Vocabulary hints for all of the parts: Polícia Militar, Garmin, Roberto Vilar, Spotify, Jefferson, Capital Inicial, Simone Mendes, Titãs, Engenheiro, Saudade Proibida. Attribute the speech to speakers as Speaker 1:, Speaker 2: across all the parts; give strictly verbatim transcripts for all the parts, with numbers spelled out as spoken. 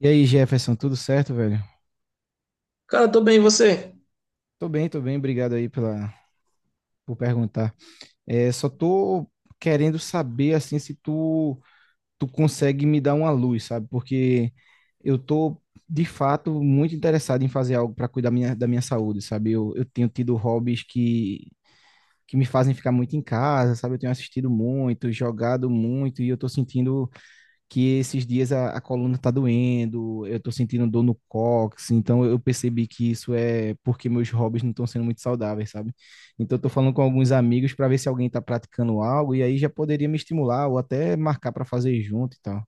Speaker 1: E aí, Jefferson, tudo certo, velho?
Speaker 2: Cara, tô bem, e você?
Speaker 1: Tô bem, tô bem, obrigado aí pela, por perguntar. É, só tô querendo saber, assim, se tu, tu consegue me dar uma luz, sabe? Porque eu tô, de fato, muito interessado em fazer algo para cuidar minha, da minha saúde, sabe? Eu, eu tenho tido hobbies que, que me fazem ficar muito em casa, sabe? Eu tenho assistido muito, jogado muito, e eu tô sentindo que esses dias a, a coluna tá doendo, eu tô sentindo dor no cóccix, então eu percebi que isso é porque meus hobbies não estão sendo muito saudáveis, sabe? Então eu tô falando com alguns amigos para ver se alguém tá praticando algo e aí já poderia me estimular ou até marcar para fazer junto e tal.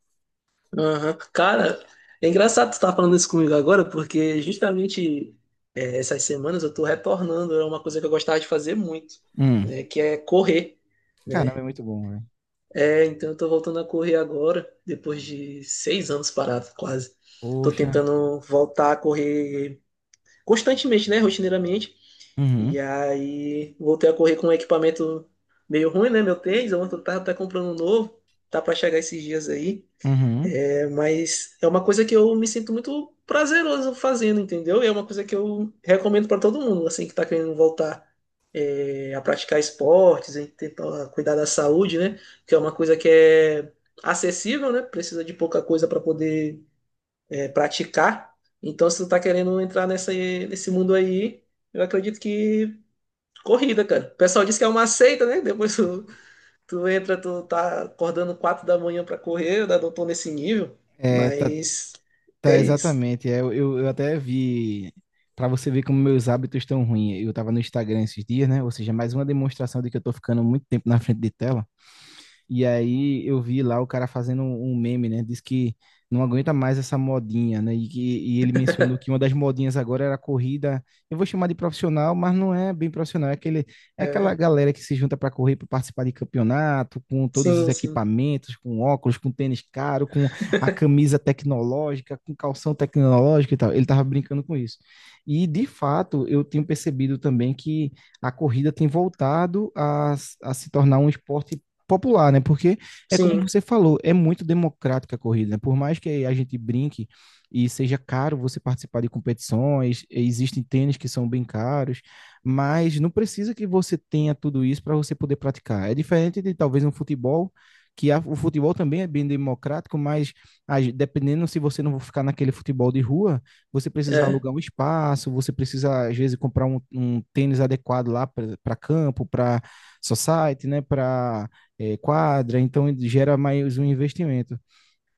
Speaker 2: Aham. Cara, é engraçado tu estar falando isso comigo agora, porque justamente é, essas semanas eu tô retornando a uma coisa que eu gostava de fazer muito,
Speaker 1: Hum,
Speaker 2: né? Que é correr, né?
Speaker 1: caramba, é muito bom, velho.
Speaker 2: É, então eu tô voltando a correr agora, depois de seis anos parado, quase. Tô
Speaker 1: Poxa.
Speaker 2: tentando voltar a correr constantemente, né? Rotineiramente.
Speaker 1: Uhum,
Speaker 2: E aí voltei a correr com um equipamento meio ruim, né? Meu tênis, eu tava até comprando um novo, tá pra chegar esses dias aí.
Speaker 1: uhum.
Speaker 2: Mas é uma coisa que eu me sinto muito prazeroso fazendo, entendeu? E é uma coisa que eu recomendo para todo mundo, assim, que tá querendo voltar é, a praticar esportes, em tentar cuidar da saúde, né? Que é uma coisa que é acessível, né? Precisa de pouca coisa para poder é, praticar. Então, se tu tá querendo entrar nessa, nesse mundo aí, eu acredito que corrida, cara. O pessoal diz que é uma seita, né? Depois tu tu entra, tu tá acordando quatro da manhã pra correr, eu ainda não tô nesse nível,
Speaker 1: É, tá,
Speaker 2: mas
Speaker 1: tá
Speaker 2: é isso.
Speaker 1: exatamente. É, eu, eu eu até vi, para você ver como meus hábitos estão ruins. Eu tava no Instagram esses dias, né? Ou seja, mais uma demonstração de que eu tô ficando muito tempo na frente de tela. E aí eu vi lá o cara fazendo um um meme, né? Diz que não aguenta mais essa modinha, né? E, que- e ele mencionou que uma das modinhas agora era a corrida. Eu vou chamar de profissional, mas não é bem profissional. É aquele, é aquela
Speaker 2: É.
Speaker 1: galera que se junta para correr, para participar de campeonato, com todos os
Speaker 2: Sim, sim,
Speaker 1: equipamentos, com óculos, com tênis caro, com a camisa tecnológica, com calção tecnológico e tal. Ele tava brincando com isso. E de fato, eu tenho percebido também que a corrida tem voltado a, a se tornar um esporte popular, né? Porque é como
Speaker 2: sim.
Speaker 1: você falou, é muito democrática a corrida, né? Por mais que a gente brinque e seja caro você participar de competições, existem tênis que são bem caros, mas não precisa que você tenha tudo isso para você poder praticar. É diferente de talvez um futebol que a, o futebol também é bem democrático, mas a, dependendo se você não ficar naquele futebol de rua, você precisa
Speaker 2: É.
Speaker 1: alugar um espaço, você precisa às vezes comprar um, um tênis adequado lá para campo, para society, né, para eh, quadra, então gera mais um investimento.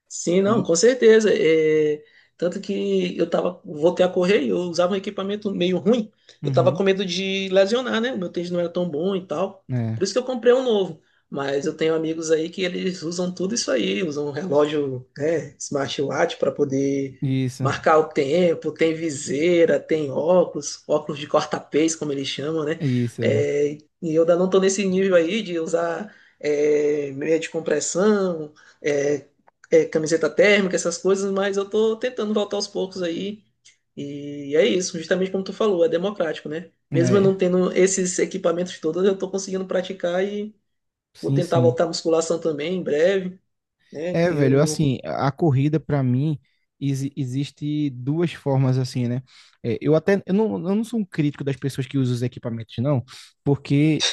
Speaker 2: Sim, não,
Speaker 1: E
Speaker 2: com certeza. É, tanto que eu tava, voltei a correr e eu usava um equipamento meio ruim. Eu tava com
Speaker 1: Uhum.
Speaker 2: medo de lesionar, né? O meu tênis não era tão bom e tal.
Speaker 1: É,
Speaker 2: Por isso que eu comprei um novo. Mas eu tenho amigos aí que eles usam tudo isso aí, usam um relógio, né, smartwatch para poder
Speaker 1: isso,
Speaker 2: marcar o tempo, tem viseira, tem óculos, óculos de corta-pês, como eles chamam, né?
Speaker 1: isso, é.
Speaker 2: É, e eu ainda não tô nesse nível aí de usar é, meia de compressão, é, é, camiseta térmica, essas coisas, mas eu tô tentando voltar aos poucos aí. E é isso, justamente como tu falou, é democrático, né? Mesmo eu
Speaker 1: É,
Speaker 2: não tendo esses equipamentos todos, eu tô conseguindo praticar e vou
Speaker 1: sim,
Speaker 2: tentar
Speaker 1: sim.
Speaker 2: voltar à musculação também em breve, né?
Speaker 1: É,
Speaker 2: Que
Speaker 1: velho,
Speaker 2: eu
Speaker 1: assim, a corrida pra mim exi- existe duas formas assim, né? É, eu até eu não, eu não sou um crítico das pessoas que usam os equipamentos, não, porque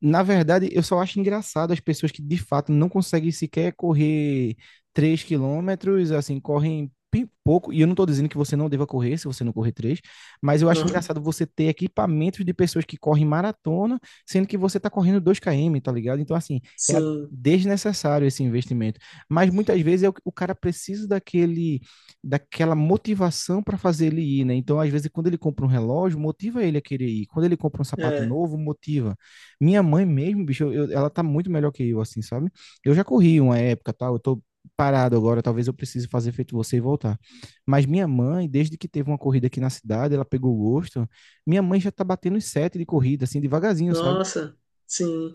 Speaker 1: na verdade, eu só acho engraçado as pessoas que de fato não conseguem sequer correr três quilômetros, assim, correm bem pouco. E eu não estou dizendo que você não deva correr se você não correr três, mas eu
Speaker 2: não.
Speaker 1: acho
Speaker 2: Aham.
Speaker 1: engraçado você ter equipamentos de pessoas que correm maratona, sendo que você está correndo dois quilômetros, tá ligado? Então, assim, é a-
Speaker 2: Sim,
Speaker 1: desnecessário esse investimento. Mas muitas vezes é o, o cara precisa daquele, daquela motivação para fazer ele ir, né? Então, às vezes, quando ele compra um relógio, motiva ele a querer ir. Quando ele compra um sapato
Speaker 2: é.
Speaker 1: novo, motiva. Minha mãe mesmo, bicho, eu- ela tá muito melhor que eu, assim, sabe? Eu já corri uma época, tal, eu tô parado agora, talvez eu precise fazer feito você e voltar. Mas minha mãe, desde que teve uma corrida aqui na cidade, ela pegou o gosto. Minha mãe já tá batendo os sete de corrida, assim, devagarzinho, sabe?
Speaker 2: Nossa,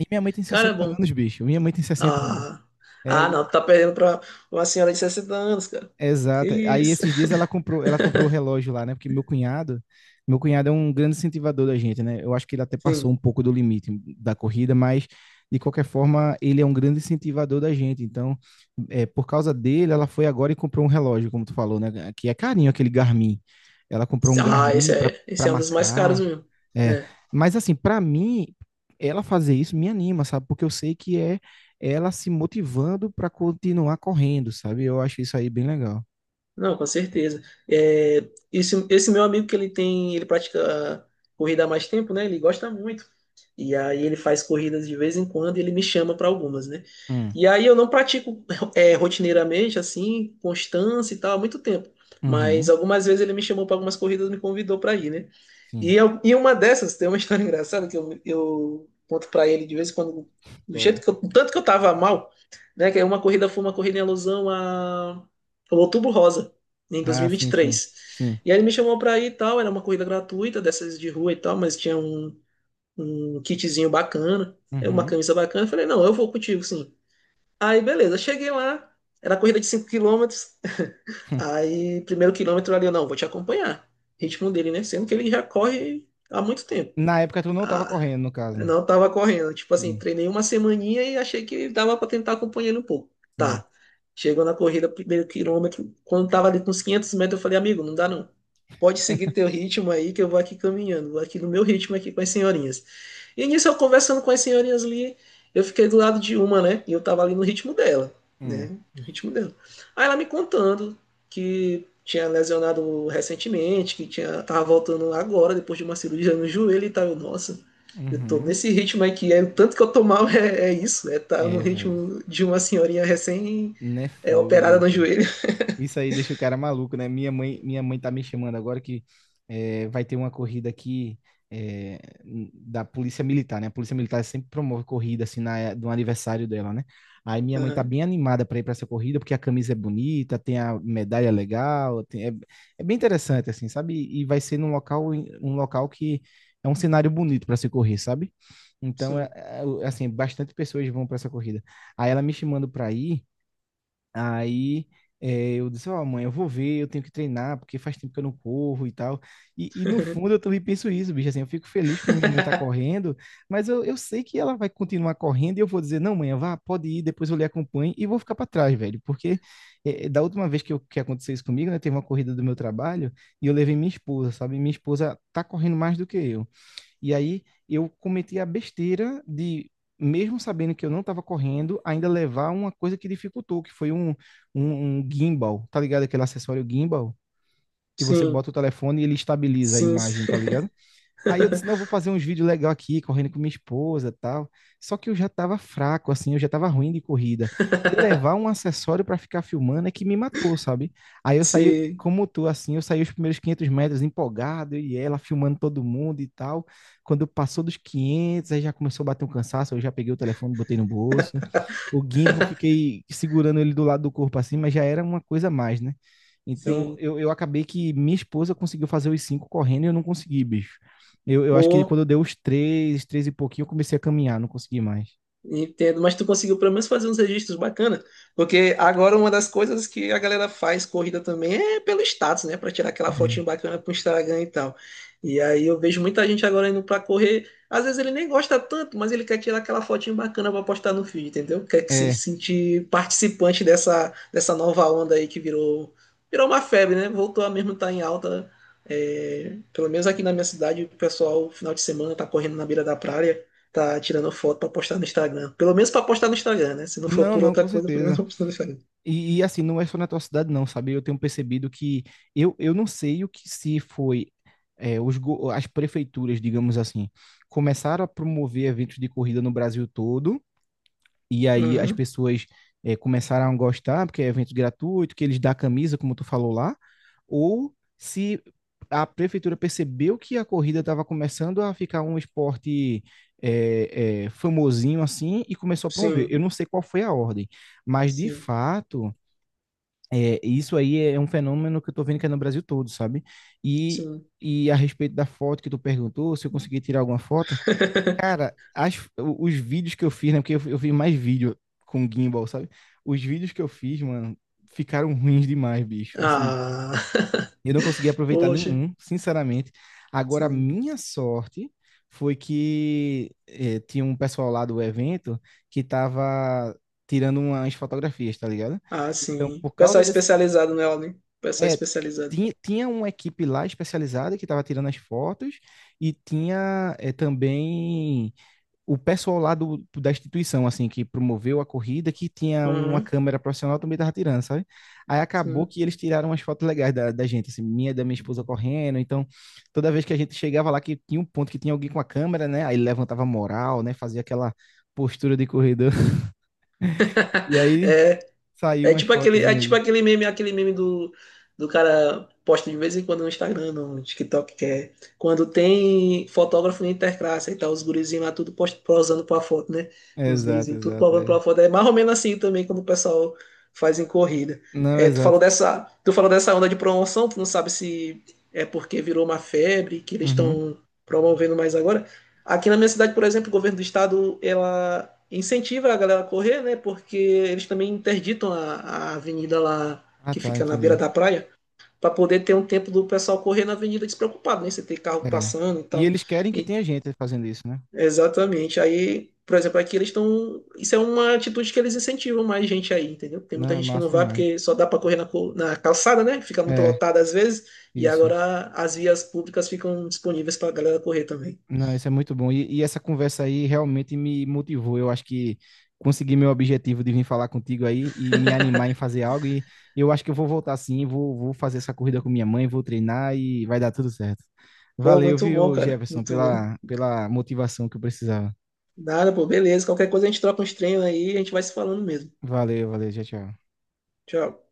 Speaker 1: E minha mãe tem
Speaker 2: Cara, é
Speaker 1: sessenta
Speaker 2: bom.
Speaker 1: anos, bicho. Minha mãe tem sessenta anos.
Speaker 2: Ah, ah,
Speaker 1: É,
Speaker 2: não, tu tá perdendo pra uma senhora de sessenta anos, cara. Que
Speaker 1: exato. Aí
Speaker 2: isso?
Speaker 1: esses dias ela comprou, ela comprou o relógio lá, né? Porque meu cunhado, meu cunhado é um grande incentivador da gente, né? Eu acho que ele até passou
Speaker 2: Sim.
Speaker 1: um pouco do limite da corrida, mas de qualquer forma ele é um grande incentivador da gente. Então, é, por causa dele, ela foi agora e comprou um relógio, como tu falou, né? Que é carinho aquele Garmin. Ela comprou um
Speaker 2: Ah, esse
Speaker 1: Garmin para
Speaker 2: é, esse
Speaker 1: para
Speaker 2: é um dos mais caros
Speaker 1: marcar.
Speaker 2: mesmo.
Speaker 1: É,
Speaker 2: É.
Speaker 1: mas assim, para mim, ela fazer isso me anima, sabe? Porque eu sei que é ela se motivando para continuar correndo, sabe? Eu acho isso aí bem legal.
Speaker 2: Não, com certeza. É, esse, esse meu amigo que ele tem, ele pratica corrida há mais tempo, né? Ele gosta muito. E aí ele faz corridas de vez em quando e ele me chama para algumas, né?
Speaker 1: Hum,
Speaker 2: E aí eu não pratico é, rotineiramente, assim, constância e tal, há muito tempo. Mas
Speaker 1: uhum,
Speaker 2: algumas vezes ele me chamou para algumas corridas, me convidou para ir, né?
Speaker 1: sim.
Speaker 2: E, eu- e uma dessas, tem uma história engraçada que eu, eu conto pra ele de vez em quando, do jeito
Speaker 1: Agora.
Speaker 2: que eu, do tanto que eu tava mal, né? Que é uma corrida foi uma corrida em alusão a, ao Outubro Rosa, em
Speaker 1: Ah, sim, sim,
Speaker 2: dois mil e vinte e três. E vinte e três.
Speaker 1: sim.
Speaker 2: E aí ele me chamou pra ir e tal, era uma corrida gratuita, dessas de rua e tal, mas tinha um, um kitzinho bacana, é, uma
Speaker 1: Uhum.
Speaker 2: camisa bacana. Eu falei, não, eu vou contigo, sim. Aí beleza, cheguei lá, era corrida de cinco quilômetros, aí primeiro quilômetro ali, eu não, vou te acompanhar. Ritmo dele, né? Sendo que ele já corre há muito tempo.
Speaker 1: Na época tu não tava
Speaker 2: Ah,
Speaker 1: correndo, no
Speaker 2: eu
Speaker 1: caso.
Speaker 2: não tava correndo. Tipo assim,
Speaker 1: Sim,
Speaker 2: treinei uma semaninha e achei que dava pra tentar acompanhar ele um pouco.
Speaker 1: sim.
Speaker 2: Tá. Chegou na corrida, primeiro quilômetro, quando tava ali com uns quinhentos metros, eu falei, amigo, não dá não. Pode seguir teu ritmo aí que eu vou aqui caminhando, vou aqui no meu ritmo aqui com as senhorinhas. E nisso eu conversando com as senhorinhas ali, eu fiquei do lado de uma, né? E eu tava ali no ritmo dela,
Speaker 1: Hum,
Speaker 2: né? No ritmo dela. Aí ela me contando que tinha lesionado recentemente, que tinha, tava voltando agora, depois de uma cirurgia no joelho e tal. Eu, nossa, eu tô
Speaker 1: uhum.
Speaker 2: nesse ritmo aqui, é, o tanto que eu tô mal é, é isso, é tá no
Speaker 1: É, velho.
Speaker 2: ritmo de uma senhorinha recém
Speaker 1: Não é
Speaker 2: é,
Speaker 1: fogo,
Speaker 2: operada no
Speaker 1: bicho.
Speaker 2: joelho.
Speaker 1: Isso aí deixa o cara maluco, né? Minha mãe, minha mãe tá me chamando agora que eh, vai ter uma corrida aqui eh, n- da Polícia Militar, né? A Polícia Militar sempre promove corrida assim na, eh, do aniversário dela, né? Aí minha mãe tá
Speaker 2: Aham,
Speaker 1: bem animada para ir para essa corrida porque a camisa é bonita, tem a medalha legal, tem- é é bem interessante assim, sabe? E vai ser num local, em- um local que é um cenário bonito para se correr, sabe? Então é,
Speaker 2: sim.
Speaker 1: é, assim, bastante pessoas vão para essa corrida. Aí ela me chamando para ir. Aí eh, eu disse, ó, mãe, eu vou ver, eu tenho que treinar, porque faz tempo que eu não corro e tal. E, e no fundo eu também penso isso, bicho, assim, eu fico feliz que a minha mãe tá correndo, mas eu, eu sei que ela vai continuar correndo e eu vou dizer, não, mãe, vá, pode ir, depois eu lhe acompanho e vou ficar para trás, velho, porque eh, da última vez que, eu- que aconteceu isso comigo, né, teve uma corrida do meu trabalho e eu levei minha esposa, sabe? Minha esposa tá correndo mais do que eu. E aí eu cometi a besteira de, mesmo sabendo que eu não estava correndo, ainda levar uma coisa que dificultou, que foi um, um, um gimbal, tá ligado? Aquele acessório gimbal que você
Speaker 2: Sim,
Speaker 1: bota o telefone e ele estabiliza a
Speaker 2: sim.
Speaker 1: imagem, tá ligado? Aí eu disse, não, eu vou fazer uns vídeos legais aqui, correndo com minha esposa e tal. Só que eu já tava fraco, assim, eu já tava ruim de corrida. Me levar um acessório para ficar filmando é que me matou, sabe? Aí eu saí,
Speaker 2: Sim,
Speaker 1: como tu, assim, eu saí os primeiros quinhentos metros empolgado, e ela filmando todo mundo e tal. Quando passou dos quinhentos, aí já começou a bater um cansaço, eu já peguei o telefone, botei no bolso. O gimbal, fiquei segurando ele do lado do corpo, assim, mas já era uma coisa a mais, né? Então,
Speaker 2: sim.
Speaker 1: eu, eu acabei que minha esposa conseguiu fazer os cinco correndo e eu não consegui, bicho. Eu, eu acho que
Speaker 2: Pô,
Speaker 1: quando eu dei os três, três e pouquinho, eu comecei a caminhar, não consegui mais.
Speaker 2: entendo, mas tu conseguiu pelo menos fazer uns registros bacanas, porque agora uma das coisas que a galera faz corrida também é pelo status, né? Pra tirar aquela fotinho bacana pro Instagram e tal. E aí eu vejo muita gente agora indo pra correr, às vezes ele nem gosta tanto, mas ele quer tirar aquela fotinho bacana pra postar no feed, entendeu? Quer que
Speaker 1: É.
Speaker 2: se
Speaker 1: É.
Speaker 2: sentir participante dessa, dessa nova onda aí que virou, virou uma febre, né? Voltou a mesmo estar em alta. É, pelo menos aqui na minha cidade, o pessoal, final de semana, tá correndo na beira da praia, tá tirando foto pra postar no Instagram. Pelo menos pra postar no Instagram, né? Se não for
Speaker 1: Não,
Speaker 2: por
Speaker 1: não,
Speaker 2: outra
Speaker 1: com
Speaker 2: coisa, pelo menos
Speaker 1: certeza.
Speaker 2: pra postar no Instagram.
Speaker 1: E, e, assim, não é só na tua cidade, não, sabe? Eu tenho percebido que eu, eu não sei o que se foi é, os, go- as prefeituras, digamos assim, começaram a promover eventos de corrida no Brasil todo. E aí as
Speaker 2: Uhum.
Speaker 1: pessoas é, começaram a gostar, porque é evento gratuito, que eles dão camisa, como tu falou lá, ou se a prefeitura percebeu que a corrida estava começando a ficar um esporte é, é, famosinho assim e começou a promover. Eu
Speaker 2: Sim,
Speaker 1: não sei qual foi a ordem, mas de
Speaker 2: sim,
Speaker 1: fato, é, isso aí é um fenômeno que eu estou vendo que é no Brasil todo, sabe? E,
Speaker 2: sim.
Speaker 1: e a respeito da foto que tu perguntou, se eu conseguir tirar alguma foto, cara, as, o- os vídeos que eu fiz, né? Porque eu, eu fiz mais vídeo com gimbal, sabe? Os vídeos que eu fiz, mano, ficaram ruins demais, bicho. Assim,
Speaker 2: Ah,
Speaker 1: eu não consegui aproveitar
Speaker 2: poxa,
Speaker 1: nenhum, sinceramente. Agora, a
Speaker 2: sim.
Speaker 1: minha sorte foi que eh, tinha um pessoal lá do evento que tava tirando umas fotografias, tá ligado?
Speaker 2: Ah,
Speaker 1: Então,
Speaker 2: sim.
Speaker 1: por causa
Speaker 2: Pessoal
Speaker 1: desse
Speaker 2: especializado nela, né? Pessoal
Speaker 1: é,
Speaker 2: especializado.
Speaker 1: tinha, tinha uma equipe lá especializada que estava tirando as fotos e tinha é, também o pessoal lá do, da instituição, assim, que promoveu a corrida, que tinha uma
Speaker 2: Uhum,
Speaker 1: câmera profissional, também tava tirando, sabe? Aí acabou
Speaker 2: sim.
Speaker 1: que eles tiraram umas fotos legais da, da gente, assim, minha e da minha esposa correndo. Então, toda vez que a gente chegava lá, que tinha um ponto que tinha alguém com a câmera, né? Aí levantava a moral, né? Fazia aquela postura de corredor. E aí
Speaker 2: É,
Speaker 1: saiu
Speaker 2: É
Speaker 1: umas
Speaker 2: tipo
Speaker 1: fotos
Speaker 2: aquele, é tipo
Speaker 1: aí.
Speaker 2: aquele meme, aquele meme do, do cara posta de vez em quando no Instagram, no TikTok, que é quando tem fotógrafo na Interclasse e tal, os gurizinhos lá tudo post, posando pra foto, né? Os
Speaker 1: Exato,
Speaker 2: gurizinhos tudo
Speaker 1: exato.
Speaker 2: posando
Speaker 1: É.
Speaker 2: pra foto. É mais ou menos assim também como o pessoal faz em corrida.
Speaker 1: Não,
Speaker 2: É, tu
Speaker 1: exato.
Speaker 2: falou dessa, tu falou dessa onda de promoção, tu não sabe se é porque virou uma febre que eles
Speaker 1: Uhum.
Speaker 2: estão promovendo mais agora. Aqui na minha cidade, por exemplo, o governo do estado, ela incentiva a galera a correr, né? Porque eles também interditam a, a avenida lá
Speaker 1: Ah,
Speaker 2: que
Speaker 1: tá,
Speaker 2: fica na beira
Speaker 1: entendi.
Speaker 2: da praia para poder ter um tempo do pessoal correr na avenida despreocupado, né? Você tem carro
Speaker 1: É.
Speaker 2: passando e
Speaker 1: E
Speaker 2: tal.
Speaker 1: eles querem que
Speaker 2: E-
Speaker 1: tenha gente fazendo isso, né?
Speaker 2: exatamente. Aí, por exemplo, aqui eles estão. Isso é uma atitude que eles incentivam mais gente aí, entendeu? Tem
Speaker 1: Não,
Speaker 2: muita
Speaker 1: é
Speaker 2: gente que não
Speaker 1: massa
Speaker 2: vai
Speaker 1: demais.
Speaker 2: porque só dá para correr na, co- na calçada, né? Fica muito
Speaker 1: É,
Speaker 2: lotada às vezes. E
Speaker 1: isso.
Speaker 2: agora as vias públicas ficam disponíveis para a galera correr também.
Speaker 1: Não, isso é muito bom. E, e essa conversa aí realmente me motivou. Eu acho que consegui meu objetivo de vir falar contigo aí e me animar em fazer algo. E eu acho que eu vou voltar sim, vou, vou fazer essa corrida com minha mãe, vou treinar e vai dar tudo certo.
Speaker 2: Pô,
Speaker 1: Valeu,
Speaker 2: muito bom,
Speaker 1: viu,
Speaker 2: cara.
Speaker 1: Jefferson,
Speaker 2: Muito bom.
Speaker 1: pela, pela motivação que eu precisava.
Speaker 2: Nada, pô, beleza. Qualquer coisa a gente troca uns treinos aí e a gente vai se falando mesmo.
Speaker 1: Valeu, valeu, tchau, tchau.
Speaker 2: Tchau.